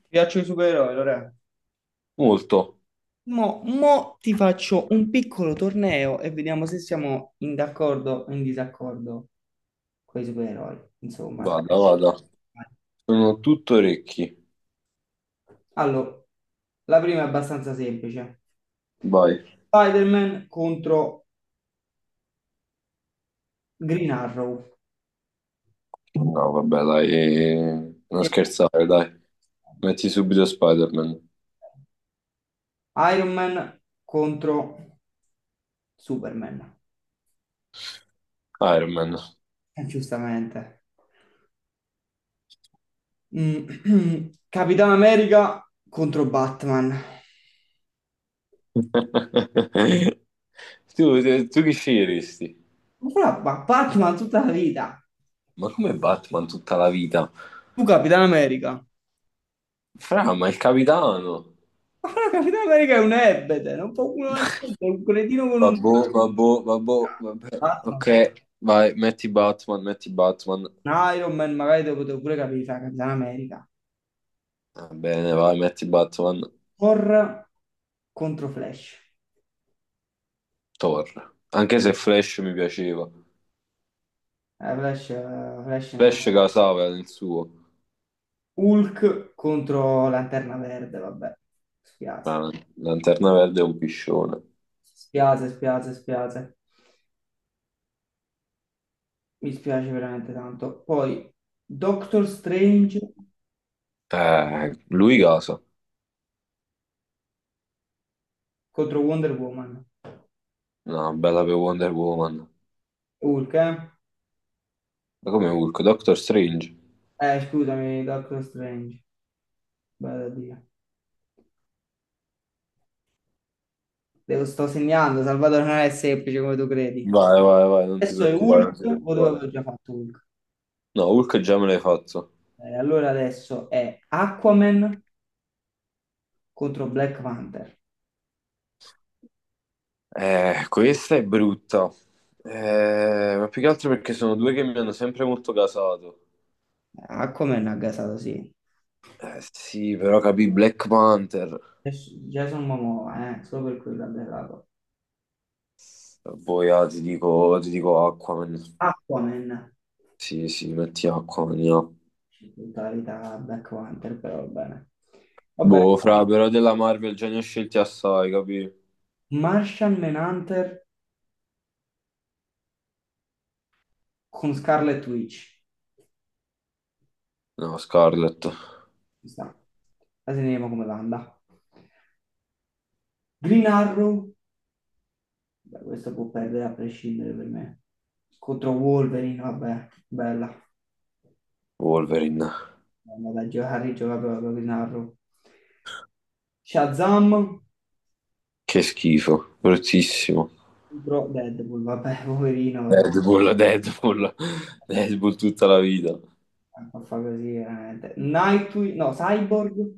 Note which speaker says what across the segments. Speaker 1: Ti piacciono i supereroi, Lore?
Speaker 2: Molto.
Speaker 1: Mo ti faccio un piccolo torneo e vediamo se siamo in d'accordo o in disaccordo con i supereroi. Insomma, dai.
Speaker 2: Vada, vada. Sono tutto orecchi.
Speaker 1: Allora, la prima è abbastanza semplice.
Speaker 2: Vai.
Speaker 1: Spider-Man contro Green Arrow.
Speaker 2: No, vabbè, dai. Non
Speaker 1: E
Speaker 2: scherzare, dai. Metti subito Spider-Man.
Speaker 1: Iron Man contro Superman.
Speaker 2: Iron Man.
Speaker 1: Giustamente. Mm, Capitan America contro Batman.
Speaker 2: Tu, tu chi sceglieresti?
Speaker 1: Ma Batman tutta la vita.
Speaker 2: Ma come Batman tutta la vita?
Speaker 1: Tu Capitan America.
Speaker 2: Fra, ma il capitano.
Speaker 1: Ma la Capitan America è un ebete, non può uno niente, è un cretino con un.
Speaker 2: Vabbò, vabbò, vabbò, vabbè.
Speaker 1: Tra l'altro,
Speaker 2: Ok, vai, metti Batman, metti Batman.
Speaker 1: un Iron Man magari te lo potevo pure capire, fa Capitan America.
Speaker 2: Va bene, vai, metti Batman.
Speaker 1: Thor contro Flash.
Speaker 2: Thor. Anche se Flash mi piaceva.
Speaker 1: Eh, Flash, eh, Flash ne sa-
Speaker 2: Flash casava nel suo.
Speaker 1: Hulk contro Lanterna Verde, vabbè. Spiace,
Speaker 2: La Lanterna Verde è un piscione.
Speaker 1: spiace, spiace, spiace. Mi spiace veramente tanto. Poi Doctor Strange
Speaker 2: Lui casa.
Speaker 1: contro Wonder Woman.
Speaker 2: No, bella per Wonder Woman. Ma
Speaker 1: Hulk, eh?
Speaker 2: come Hulk? Doctor Strange.
Speaker 1: Scusami, Doctor Strange. Vado a dire. Te lo sto segnando, Salvatore non è semplice come tu credi.
Speaker 2: Vai, vai, vai, non ti
Speaker 1: Adesso è
Speaker 2: preoccupare, non
Speaker 1: Hulk,
Speaker 2: ti
Speaker 1: o dove avevo
Speaker 2: preoccupare.
Speaker 1: già fatto Hulk.
Speaker 2: No, Hulk già me l'hai fatto.
Speaker 1: Allora adesso è Aquaman contro Black Panther.
Speaker 2: Questa è brutta. Ma più che altro perché sono due che mi hanno sempre molto casato.
Speaker 1: Aquaman ha gasato, sì.
Speaker 2: Eh sì, però capì Black Panther.
Speaker 1: Adesso Jason Momoa, solo per quello ha gasato.
Speaker 2: Poi ah, ti dico Aquaman.
Speaker 1: Aquaman,
Speaker 2: Sì, sì, metti Aquaman, no.
Speaker 1: totalità Black Panther, però va bene. Vabbè,
Speaker 2: Boh, fra, però della Marvel già ne ho scelti assai, capì?
Speaker 1: Martian Manhunter con Scarlet Witch.
Speaker 2: No, Scarlet,
Speaker 1: Ci sta. La segniamo come l'anda. Green Arrow, beh, questo può perdere a prescindere per me. Contro Wolverine, vabbè, bella.
Speaker 2: Wolverine,
Speaker 1: Andiamo da Harry gioca proprio di narro. Shazam
Speaker 2: che schifo, bruttissimo.
Speaker 1: contro Deadpool, vabbè, poverino, però.
Speaker 2: Deadpool, Deadpool, Deadpool tutta la vita.
Speaker 1: A fa così, veramente. Nightwing, no, Cyborg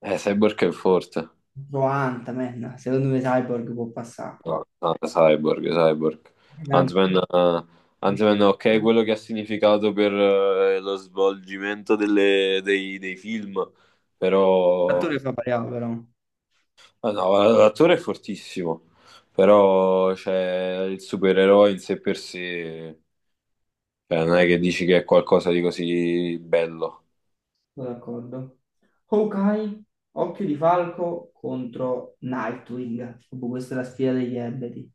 Speaker 2: Cyborg è forte.
Speaker 1: contro Ant-Man. Secondo me Cyborg può passare qua.
Speaker 2: No, no, Cyborg, Cyborg. Ant-Man, Ant-Man, ok, quello che ha significato per lo svolgimento dei film, però...
Speaker 1: L'attore fa pariamo, però.
Speaker 2: ah, no, l'attore è fortissimo, però cioè, il supereroe in sé per sé. Cioè, non è che dici che è qualcosa di così bello.
Speaker 1: Sono d'accordo. Hawkeye, Occhio di Falco contro Nightwing. Proprio questa è la sfida degli ebeti.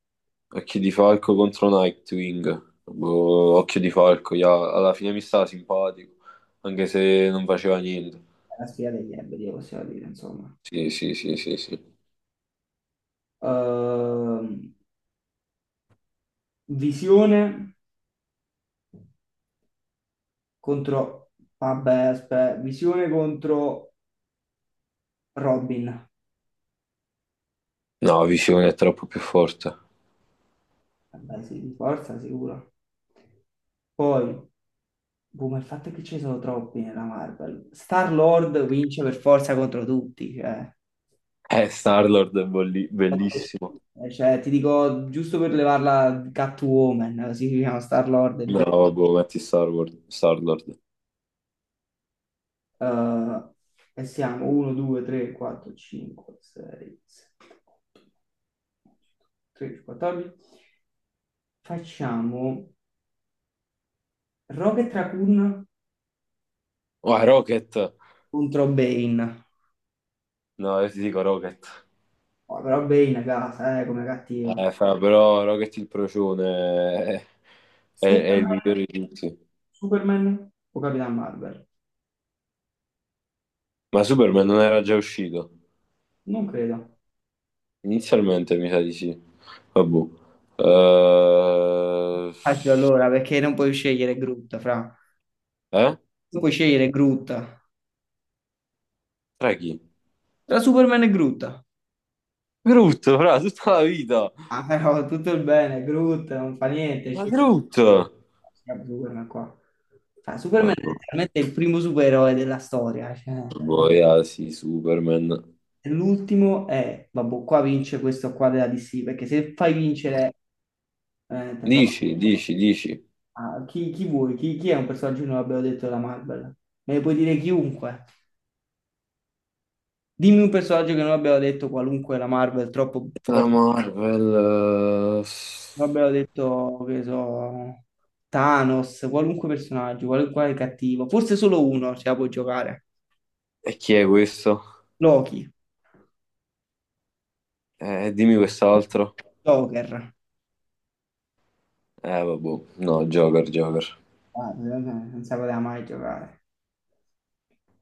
Speaker 2: Occhi di falco contro Nightwing. Boh, occhio di falco, ja, alla fine mi stava simpatico, anche se non faceva niente.
Speaker 1: La sfida degli ebedi, possiamo dire, insomma.
Speaker 2: Sì, sì, sì, sì, sì.
Speaker 1: Ehm, Visione contro. Vabbè, aspetta, Visione contro Robin.
Speaker 2: No, Visione è troppo più forte.
Speaker 1: Vabbè, sì, di forza, sicuro. Poi, boh, ma il fatto è che ce ne sono troppi nella Marvel. Star-Lord vince per forza contro tutti, cioè.
Speaker 2: Star-Lord è bellissimo.
Speaker 1: Cioè, ti dico, giusto per levarla Catwoman, si chiama Star-Lord e vince.
Speaker 2: No, boh, metti Star-Lord. Star-Lord.
Speaker 1: eh, e siamo 1, 2, 3, 4, 5, 6, 7, 8, 13, 14. Facciamo Rocket Raccoon
Speaker 2: Oh, Rocket!
Speaker 1: contro Bane.
Speaker 2: No, io ti dico Rocket.
Speaker 1: Oh, però Bane è casa, come cattiva.
Speaker 2: Fra, però Rocket il procione è il
Speaker 1: Superman,
Speaker 2: migliore di tutti.
Speaker 1: Superman o Capitan Marvel?
Speaker 2: Ma Superman non era già uscito?
Speaker 1: Non credo.
Speaker 2: Inizialmente mi sa di sì. Vabbè. Eh?
Speaker 1: Infatti allora, perché non puoi scegliere Groot, fra.
Speaker 2: Eh?
Speaker 1: Non puoi scegliere Groot.
Speaker 2: Tra chi?
Speaker 1: Tra Superman e Groot.
Speaker 2: Brutto, fra, tutta la vita.
Speaker 1: Ah, però tutto il bene, Groot, non fa niente.
Speaker 2: Ma
Speaker 1: Cioè,
Speaker 2: brutto.
Speaker 1: Superman qua. Cioè,
Speaker 2: Poi,
Speaker 1: Superman è
Speaker 2: ah,
Speaker 1: letteralmente il primo supereroe della storia. Cioè.
Speaker 2: boh, yeah, sì, Superman.
Speaker 1: E l'ultimo è, vabbè, qua vince questo qua della DC, perché se fai vincere, veramente. fra-
Speaker 2: Dici, dici, dici.
Speaker 1: ah, chi, chi vuoi? Chi è un personaggio che non abbiamo detto della Marvel? Me ne puoi dire chiunque. Dimmi un personaggio che non abbiamo detto qualunque la Marvel, troppo
Speaker 2: La
Speaker 1: forte.
Speaker 2: Marvel...
Speaker 1: Vabbè, ho detto che so, Thanos, qualunque personaggio, qualunque cattivo, forse solo uno ce la può giocare.
Speaker 2: E chi è questo?
Speaker 1: Loki,
Speaker 2: Dimmi quest'altro.
Speaker 1: Joker.
Speaker 2: Vabbè. No, Joker, Joker.
Speaker 1: Guarda, non si poteva mai giocare.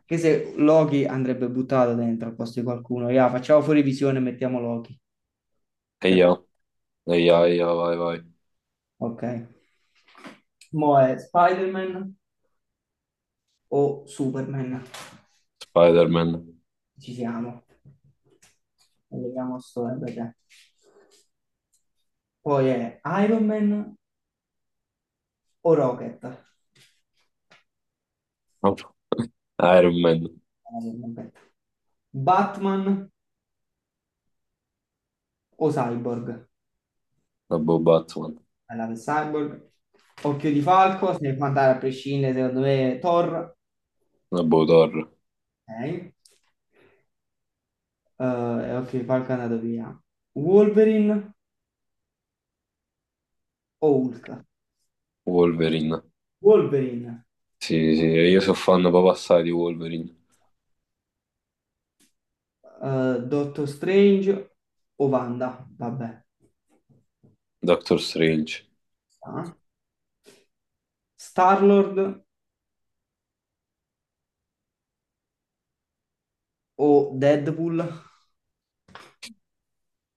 Speaker 1: Che se Loki andrebbe buttato dentro al posto di qualcuno, ya, facciamo fuori visione e mettiamo Loki.
Speaker 2: E
Speaker 1: Se
Speaker 2: io?
Speaker 1: va.
Speaker 2: Vai, vai.
Speaker 1: Ok. Mo è Spider-Man o Superman?
Speaker 2: Spider-Man.
Speaker 1: Ci siamo. Vediamo sto, perché. Poi è Iron Man o Rocket?
Speaker 2: Vabbè. Iron Man.
Speaker 1: Rocket. Batman o Cyborg?
Speaker 2: Vabbè, Batman.
Speaker 1: Alla per Cyborg. Occhio di Falco, se ne può andare a prescindere, secondo me, Thor.
Speaker 2: Vabbè, Thor.
Speaker 1: Ok. Eh, e Occhio di Falco è andato via. Wolverine o Hulk?
Speaker 2: Wolverine.
Speaker 1: Wolverine.
Speaker 2: Sì, sì, io sono fan proprio assai di Wolverine.
Speaker 1: Doctor Strange o Wanda? Vabbè.
Speaker 2: Doctor Strange.
Speaker 1: Ah. Star-Lord o Deadpool?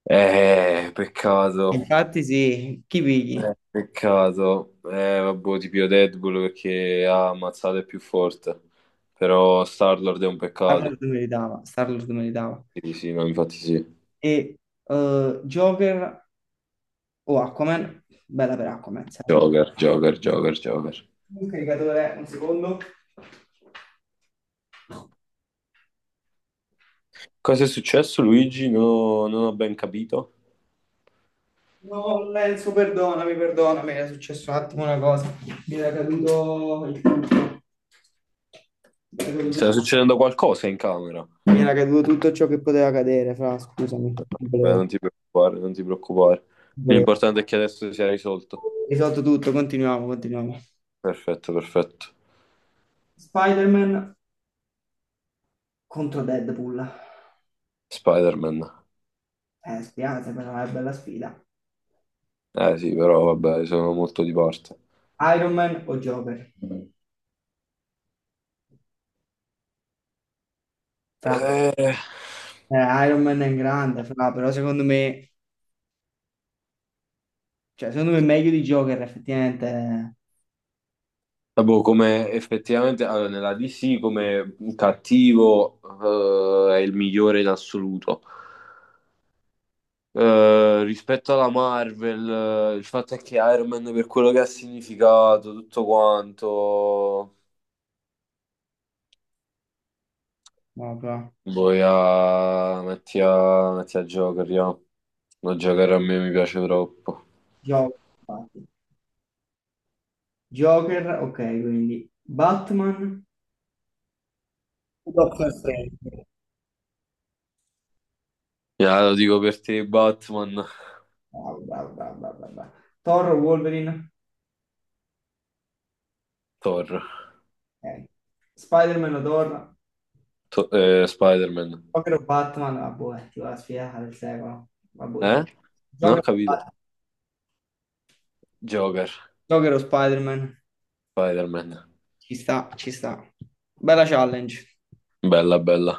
Speaker 2: Peccato,
Speaker 1: Infatti sì, chi pigli?
Speaker 2: peccato. Vabbè, ti pio Deadpool perché ha ammazzato è più forte. Però Star-Lord è un
Speaker 1: Star-Lord
Speaker 2: peccato.
Speaker 1: meritava, Star-Lord meritava.
Speaker 2: Sì, sì, no, infatti sì.
Speaker 1: E Joker o Aquaman, bella per Aquaman, sempre.
Speaker 2: Joker, Joker, Joker, Joker.
Speaker 1: Un caricatore, un secondo.
Speaker 2: Cosa è successo, Luigi? Non ho ben capito.
Speaker 1: No, Lenzo, perdonami, perdonami, era successo un attimo una cosa. Mi era caduto il tutto. Mi era caduto
Speaker 2: Sta succedendo qualcosa in camera.
Speaker 1: mi era caduto tutto ciò che poteva cadere, fra, scusami, non
Speaker 2: Beh,
Speaker 1: volevo,
Speaker 2: non ti preoccupare, non ti preoccupare.
Speaker 1: non volevo.
Speaker 2: L'importante è che adesso sia risolto.
Speaker 1: Risolto tutto, continuiamo, continuiamo.
Speaker 2: Perfetto, perfetto.
Speaker 1: Spider-Man contro Deadpool.
Speaker 2: Spider-Man.
Speaker 1: Spiace, però è una bella sfida.
Speaker 2: Eh sì, però vabbè, sono molto di parte.
Speaker 1: Iron Man o Joker? Fra,
Speaker 2: Eh,
Speaker 1: Eh, Iron Man è grande, fra, però secondo me, cioè, secondo me è meglio di Joker, effettivamente.
Speaker 2: boh, come effettivamente allora, nella DC come cattivo è il migliore in assoluto. Rispetto alla Marvel, il fatto è che Iron Man per quello che ha significato, tutto quanto,
Speaker 1: No, però.
Speaker 2: poi a... Metti, a... metti a Joker, io. No, Joker a me mi piace troppo.
Speaker 1: Joker, infatti. Joker, ok, quindi Batman, Doctor Strange.
Speaker 2: Ya, lo dico per te, Batman,
Speaker 1: Bravo, bravo, bravo, bravo, bravo, bravo. Thor, o Wolverine,
Speaker 2: Thor,
Speaker 1: ok. Spider-Man o Thor,
Speaker 2: Spider-Man.
Speaker 1: Joker o Batman, vabbè, ti va la sfida del secolo. Vabbè,
Speaker 2: Eh? Non ho
Speaker 1: Joker,
Speaker 2: capito. Joker,
Speaker 1: Joker o Spider-Man,
Speaker 2: Spider-Man.
Speaker 1: ci sta, ci sta. Bella challenge.
Speaker 2: Bella, bella.